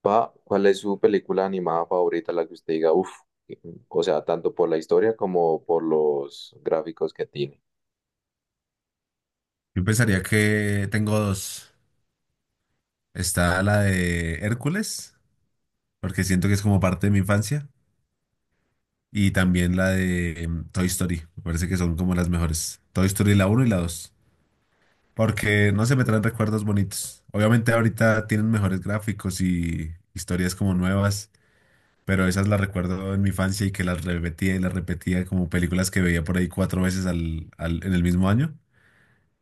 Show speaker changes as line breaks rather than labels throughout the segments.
Pa, ¿cuál es su película animada favorita, la que usted diga, uff, o sea, tanto por la historia como por los gráficos que tiene?
Yo pensaría que tengo dos. Está la de Hércules, porque siento que es como parte de mi infancia, y también la de Toy Story. Me parece que son como las mejores. Toy Story la uno y la dos. Porque no se me traen recuerdos bonitos. Obviamente ahorita tienen mejores gráficos y historias como nuevas, pero esas las recuerdo en mi infancia y que las repetía y las repetía como películas que veía por ahí cuatro veces en el mismo año.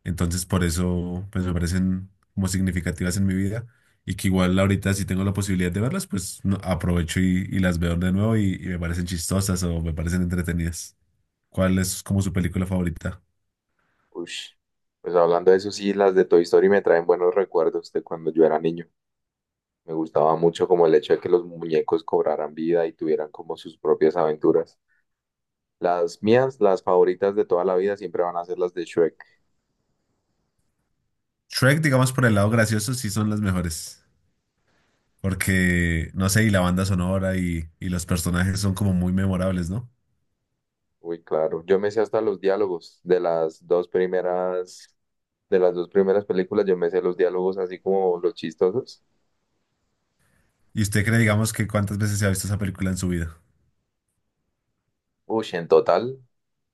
Entonces, por eso, pues me parecen como significativas en mi vida y que igual ahorita si tengo la posibilidad de verlas, aprovecho y las veo de nuevo y me parecen chistosas o me parecen entretenidas. ¿Cuál es como su película favorita?
Ush. Pues hablando de eso, sí, las de Toy Story me traen buenos recuerdos de cuando yo era niño. Me gustaba mucho como el hecho de que los muñecos cobraran vida y tuvieran como sus propias aventuras. Las mías, las favoritas de toda la vida, siempre van a ser las de Shrek.
Shrek, digamos, por el lado gracioso, sí son las mejores. Porque, no sé, y la banda sonora y los personajes son como muy memorables, ¿no?
Uy, claro. Yo me sé hasta los diálogos de las dos primeras, de las dos primeras películas, yo me sé los diálogos así como los chistosos.
¿Y usted cree, digamos, que cuántas veces se ha visto esa película en su vida?
Uy, en total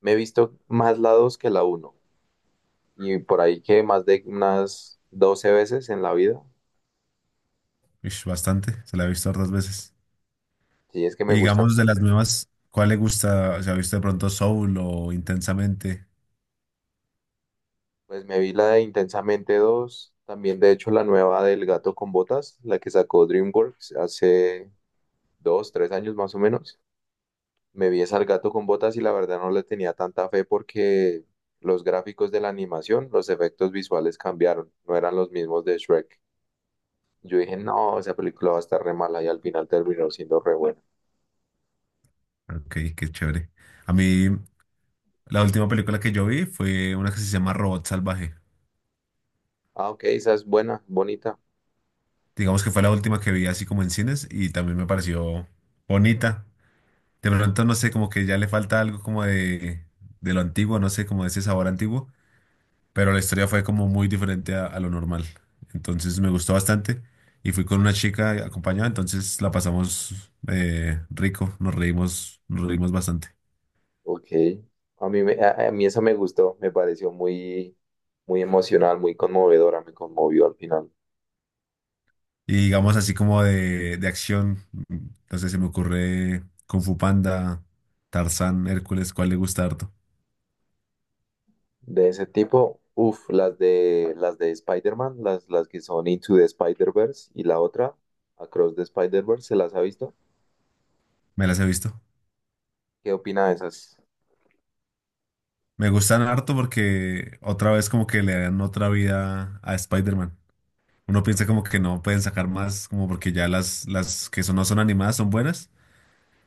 me he visto más la 2 que la uno. Y por ahí que más de unas 12 veces en la vida.
Ish, bastante, se la he visto otras veces.
Si es que me
Y
gusta.
digamos de las nuevas, ¿cuál le gusta? ¿Se ha visto de pronto Soul o Intensamente?
Pues me vi la de Intensamente dos. También, de hecho, la nueva del Gato con Botas, la que sacó DreamWorks hace dos, tres años más o menos. Me vi esa al Gato con Botas y la verdad no le tenía tanta fe porque los gráficos de la animación, los efectos visuales cambiaron. No eran los mismos de Shrek. Yo dije, no, esa película va a estar re mala y al final terminó siendo re buena.
Ok, qué chévere. A mí, la última película que yo vi fue una que se llama Robot Salvaje.
Ah, ok, esa es buena, bonita.
Digamos que fue la última que vi así como en cines y también me pareció bonita. De pronto, no sé, como que ya le falta algo como de lo antiguo, no sé, como de ese sabor antiguo, pero la historia fue como muy diferente a lo normal. Entonces me gustó bastante y fui con una chica acompañada, entonces la pasamos rico, nos reímos bastante.
Ok. A mí, me, a mí esa me gustó, me pareció muy, muy emocional, muy conmovedora, me conmovió al final.
Y digamos así como de acción, no sé, se me ocurre Kung Fu Panda, Tarzán, Hércules, ¿cuál le gusta harto?
De ese tipo, uff, las de Spider-Man, las que son Into the Spider-Verse y la otra, Across the Spider-Verse, ¿se las ha visto?
Me las he visto.
¿Qué opina de esas?
Me gustan harto porque otra vez como que le dan otra vida a Spider-Man. Uno piensa como que no pueden sacar más, como porque ya las que son, no son animadas son buenas,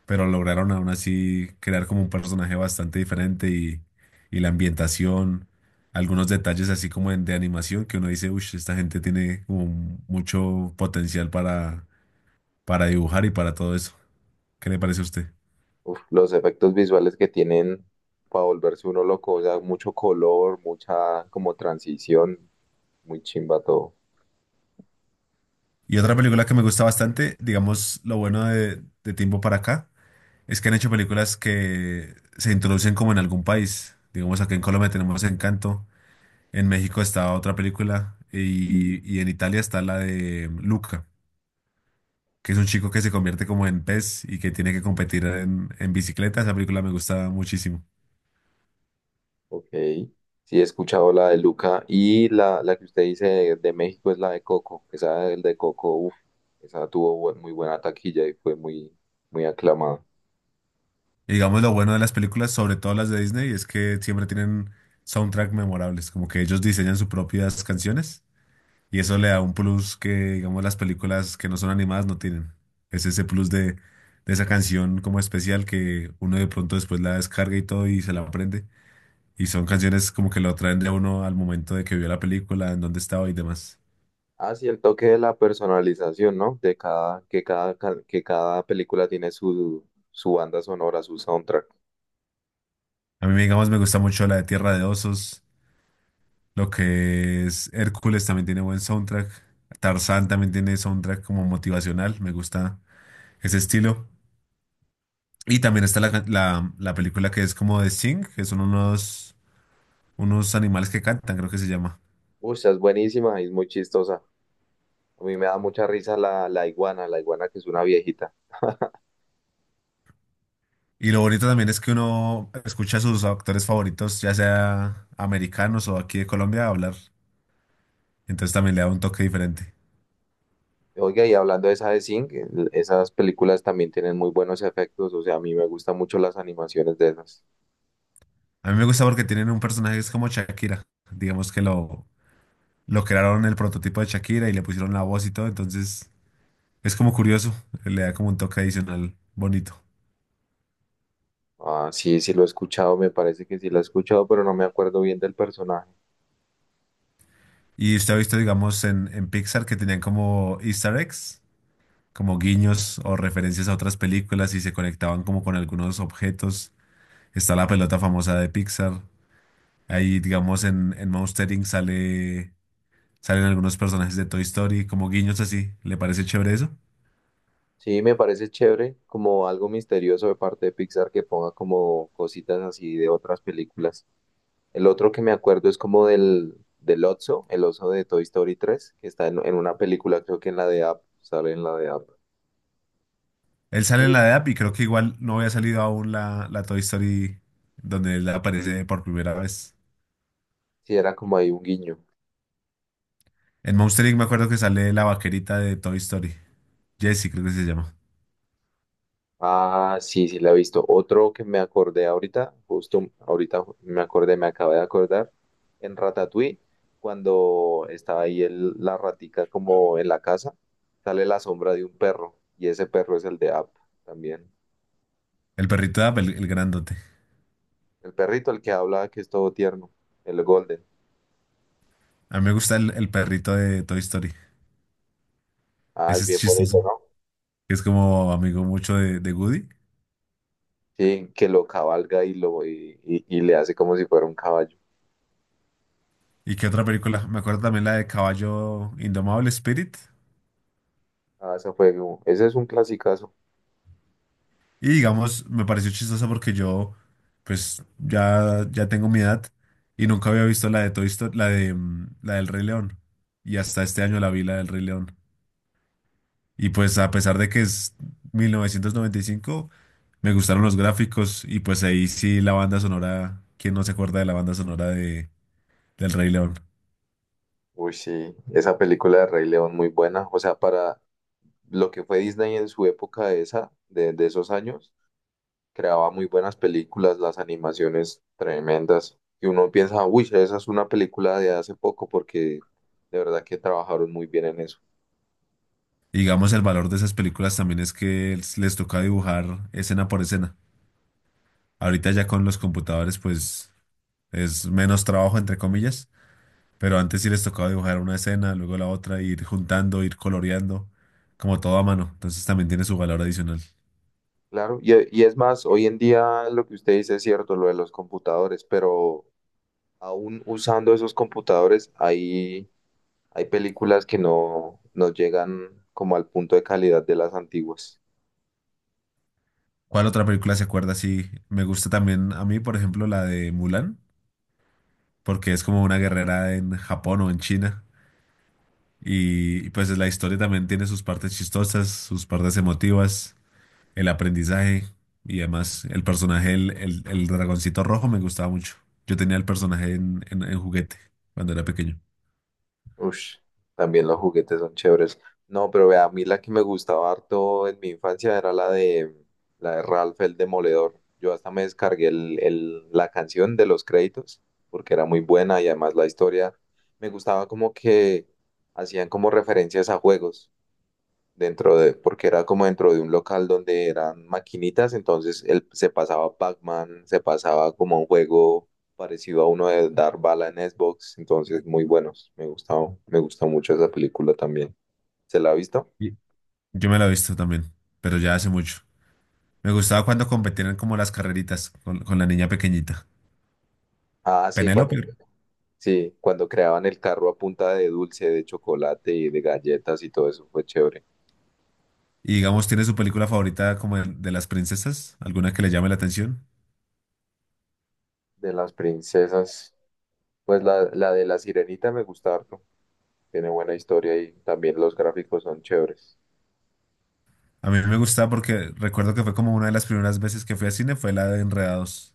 pero lograron aún así crear como un personaje bastante diferente y la ambientación, algunos detalles así como de animación que uno dice, uy, esta gente tiene como mucho potencial para dibujar y para todo eso. ¿Qué le parece a usted?
Uf, los efectos visuales que tienen para volverse uno loco, o sea, mucho color, mucha como transición, muy chimba todo.
Y otra película que me gusta bastante, digamos, lo bueno de tiempo para acá, es que han hecho películas que se introducen como en algún país. Digamos, aquí en Colombia tenemos Encanto, en México está otra película y en Italia está la de Luca, que es un chico que se convierte como en pez y que tiene que competir en bicicleta. Esa película me gusta muchísimo.
Ok, sí he escuchado la de Luca y la que usted dice de México es la de Coco, esa del de Coco, uf, esa tuvo muy buena taquilla y fue muy, muy aclamada.
Y digamos lo bueno de las películas, sobre todo las de Disney, es que siempre tienen soundtrack memorables, como que ellos diseñan sus propias canciones y eso le da un plus que, digamos, las películas que no son animadas no tienen. Es ese plus de esa canción como especial que uno de pronto después la descarga y todo y se la aprende. Y son canciones como que lo traen de uno al momento de que vio la película, en dónde estaba y demás.
Ah, sí, el toque de la personalización, ¿no? De cada, que cada, que cada película tiene su, su banda sonora, su soundtrack.
A mí, digamos, me gusta mucho la de Tierra de Osos. Lo que es Hércules también tiene buen soundtrack. Tarzán también tiene soundtrack como motivacional. Me gusta ese estilo. Y también está la película que es como de Sing, que son unos, unos animales que cantan, creo que se llama.
Uy, esa es buenísima y es muy chistosa. A mí me da mucha risa la iguana, la iguana que es una viejita.
Y lo bonito también es que uno escucha a sus actores favoritos, ya sea americanos o aquí de Colombia, hablar. Entonces también le da un toque diferente.
Oiga, y hablando de esa de Zinc, esas películas también tienen muy buenos efectos, o sea, a mí me gustan mucho las animaciones de esas.
A mí me gusta porque tienen un personaje que es como Shakira. Digamos que lo crearon el prototipo de Shakira y le pusieron la voz y todo, entonces es como curioso, le da como un toque adicional bonito.
Ah, sí, sí lo he escuchado, me parece que sí lo he escuchado, pero no me acuerdo bien del personaje.
Y usted ha visto, digamos, en Pixar que tenían como Easter eggs, como guiños o referencias a otras películas y se conectaban como con algunos objetos. Está la pelota famosa de Pixar. Ahí, digamos, en Monster Inc. Salen algunos personajes de Toy Story, como guiños así. ¿Le parece chévere eso?
Sí, me parece chévere, como algo misterioso de parte de Pixar que ponga como cositas así de otras películas. El otro que me acuerdo es como del, del oso, el oso de Toy Story 3 que está en una película, creo que en la de App, sale en la de App.
Él sale en
Uy.
la de App y creo que igual no había salido aún la Toy Story donde él aparece por primera vez.
Sí, era como ahí un guiño.
En Monster Inc. me acuerdo que sale la vaquerita de Toy Story. Jesse creo que se llama.
Ah, sí, sí, la he visto. Otro que me acordé ahorita, justo ahorita me acordé, me acabé de acordar, en Ratatouille, cuando estaba ahí la ratica como en la casa, sale la sombra de un perro, y ese perro es el de Up también.
El perrito de App, el grandote.
El perrito, el que habla, que es todo tierno, el Golden.
A mí me gusta el perrito de Toy Story.
Ah,
Ese
es
es
bien
chistoso.
bonito, ¿no?
Es como amigo mucho de Woody.
Sí, que lo cabalga y le hace como si fuera un caballo.
¿Y qué otra película? Me acuerdo también la de Caballo Indomable Spirit.
Ah, esa fue, ese es un clasicazo.
Y digamos, me pareció chistoso porque yo, pues, ya tengo mi edad y nunca había visto la de Toy Story, la del Rey León. Y hasta este año la vi, la del Rey León. Y pues, a pesar de que es 1995, me gustaron los gráficos y pues ahí sí la banda sonora, ¿quién no se acuerda de la banda sonora del Rey León?
Uy, sí, esa película de Rey León muy buena. O sea, para lo que fue Disney en su época de esa, de esos años, creaba muy buenas películas, las animaciones tremendas. Y uno piensa, uy, esa es una película de hace poco porque de verdad que trabajaron muy bien en eso.
Y digamos, el valor de esas películas también es que les toca dibujar escena por escena. Ahorita ya con los computadores, pues, es menos trabajo, entre comillas. Pero antes sí les tocaba dibujar una escena, luego la otra, ir juntando, ir coloreando, como todo a mano. Entonces también tiene su valor adicional.
Claro, y es más, hoy en día lo que usted dice es cierto, lo de los computadores, pero aún usando esos computadores hay, hay películas que no, no llegan como al punto de calidad de las antiguas.
¿Cuál otra película se acuerda? Sí, me gusta también a mí, por ejemplo, la de Mulan, porque es como una guerrera en Japón o en China. Pues la historia también tiene sus partes chistosas, sus partes emotivas, el aprendizaje y además el personaje, el dragoncito rojo me gustaba mucho. Yo tenía el personaje en juguete cuando era pequeño.
Ush, también los juguetes son chéveres. No, pero vea, a mí la que me gustaba harto en mi infancia era la de Ralph el Demoledor. Yo hasta me descargué el, la canción de los créditos porque era muy buena y además la historia me gustaba como que hacían como referencias a juegos dentro de, porque era como dentro de un local donde eran maquinitas, entonces él se pasaba Pac-Man, se pasaba como un juego parecido a uno de dar bala en Xbox, entonces muy buenos, me gustaba, me gusta mucho esa película también. ¿Se la ha visto?
Y- Yo me la he visto también, pero ya hace mucho. Me gustaba cuando competían como las carreritas con la niña pequeñita.
Ah,
Penélope.
sí, cuando creaban el carro a punta de dulce, de chocolate y de galletas y todo eso fue chévere.
Y digamos, ¿tiene su película favorita como de las princesas? ¿Alguna que le llame la atención?
De las princesas, pues la de la sirenita me gusta harto, tiene buena historia y también los gráficos son chéveres.
A mí me gustaba porque recuerdo que fue como una de las primeras veces que fui al cine, fue la de Enredados.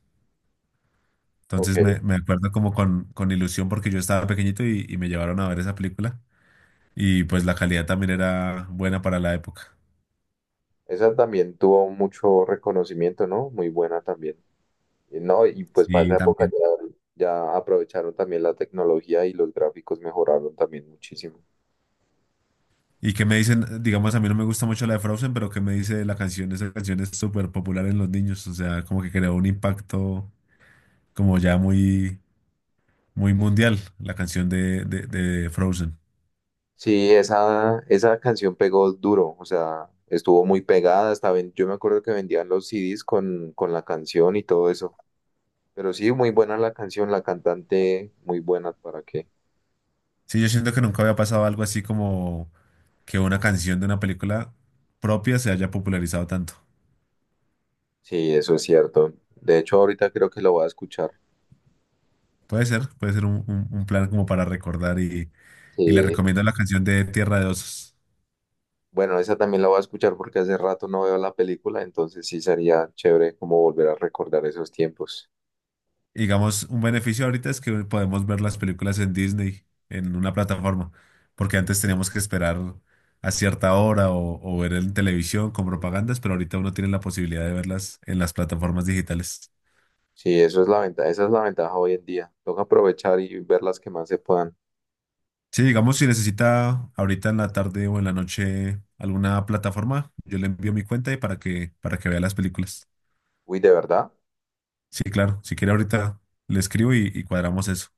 Ok.
Entonces me acuerdo como con ilusión porque yo estaba pequeñito y me llevaron a ver esa película. Y pues la calidad también era buena para la época.
Esa también tuvo mucho reconocimiento, ¿no? Muy buena también. Y no, y pues para esa
Sí,
época
también.
ya, ya aprovecharon también la tecnología y los gráficos mejoraron también muchísimo.
Y que me dicen, digamos, a mí no me gusta mucho la de Frozen, pero que me dice la canción, esa canción es súper popular en los niños, o sea, como que creó un impacto como ya muy mundial, la canción de Frozen.
Sí, esa canción pegó duro, o sea, estuvo muy pegada, hasta yo me acuerdo que vendían los CDs con la canción y todo eso. Pero sí, muy buena la canción, la cantante, muy buena, ¿para qué?
Sí, yo siento que nunca había pasado algo así como que una canción de una película propia se haya popularizado tanto.
Sí, eso es cierto. De hecho, ahorita creo que la voy a escuchar.
Puede ser un plan como para recordar y le
Sí,
recomiendo la canción de Tierra de Osos.
bueno, esa también la voy a escuchar porque hace rato no veo la película, entonces sí sería chévere como volver a recordar esos tiempos.
Y digamos, un beneficio ahorita es que podemos ver las películas en Disney, en una plataforma, porque antes teníamos que esperar a cierta hora o ver en televisión con propagandas, pero ahorita uno tiene la posibilidad de verlas en las plataformas digitales.
Sí, eso es la ventaja, esa es la ventaja hoy en día. Toca aprovechar y ver las que más se puedan.
Sí, digamos, si necesita ahorita en la tarde o en la noche alguna plataforma, yo le envío mi cuenta y para que vea las películas.
Uy, de verdad,
Sí, claro, si quiere ahorita le escribo y cuadramos eso.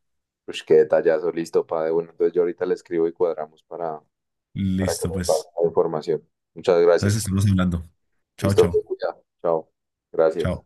pues qué detallazo, listo, padre. Bueno, entonces yo ahorita le escribo y cuadramos para que
Listo,
me pase
pues.
la información. Muchas
Entonces
gracias.
estamos hablando. Chao,
Listo,
chao.
cuidado. Chao. Gracias.
Chao.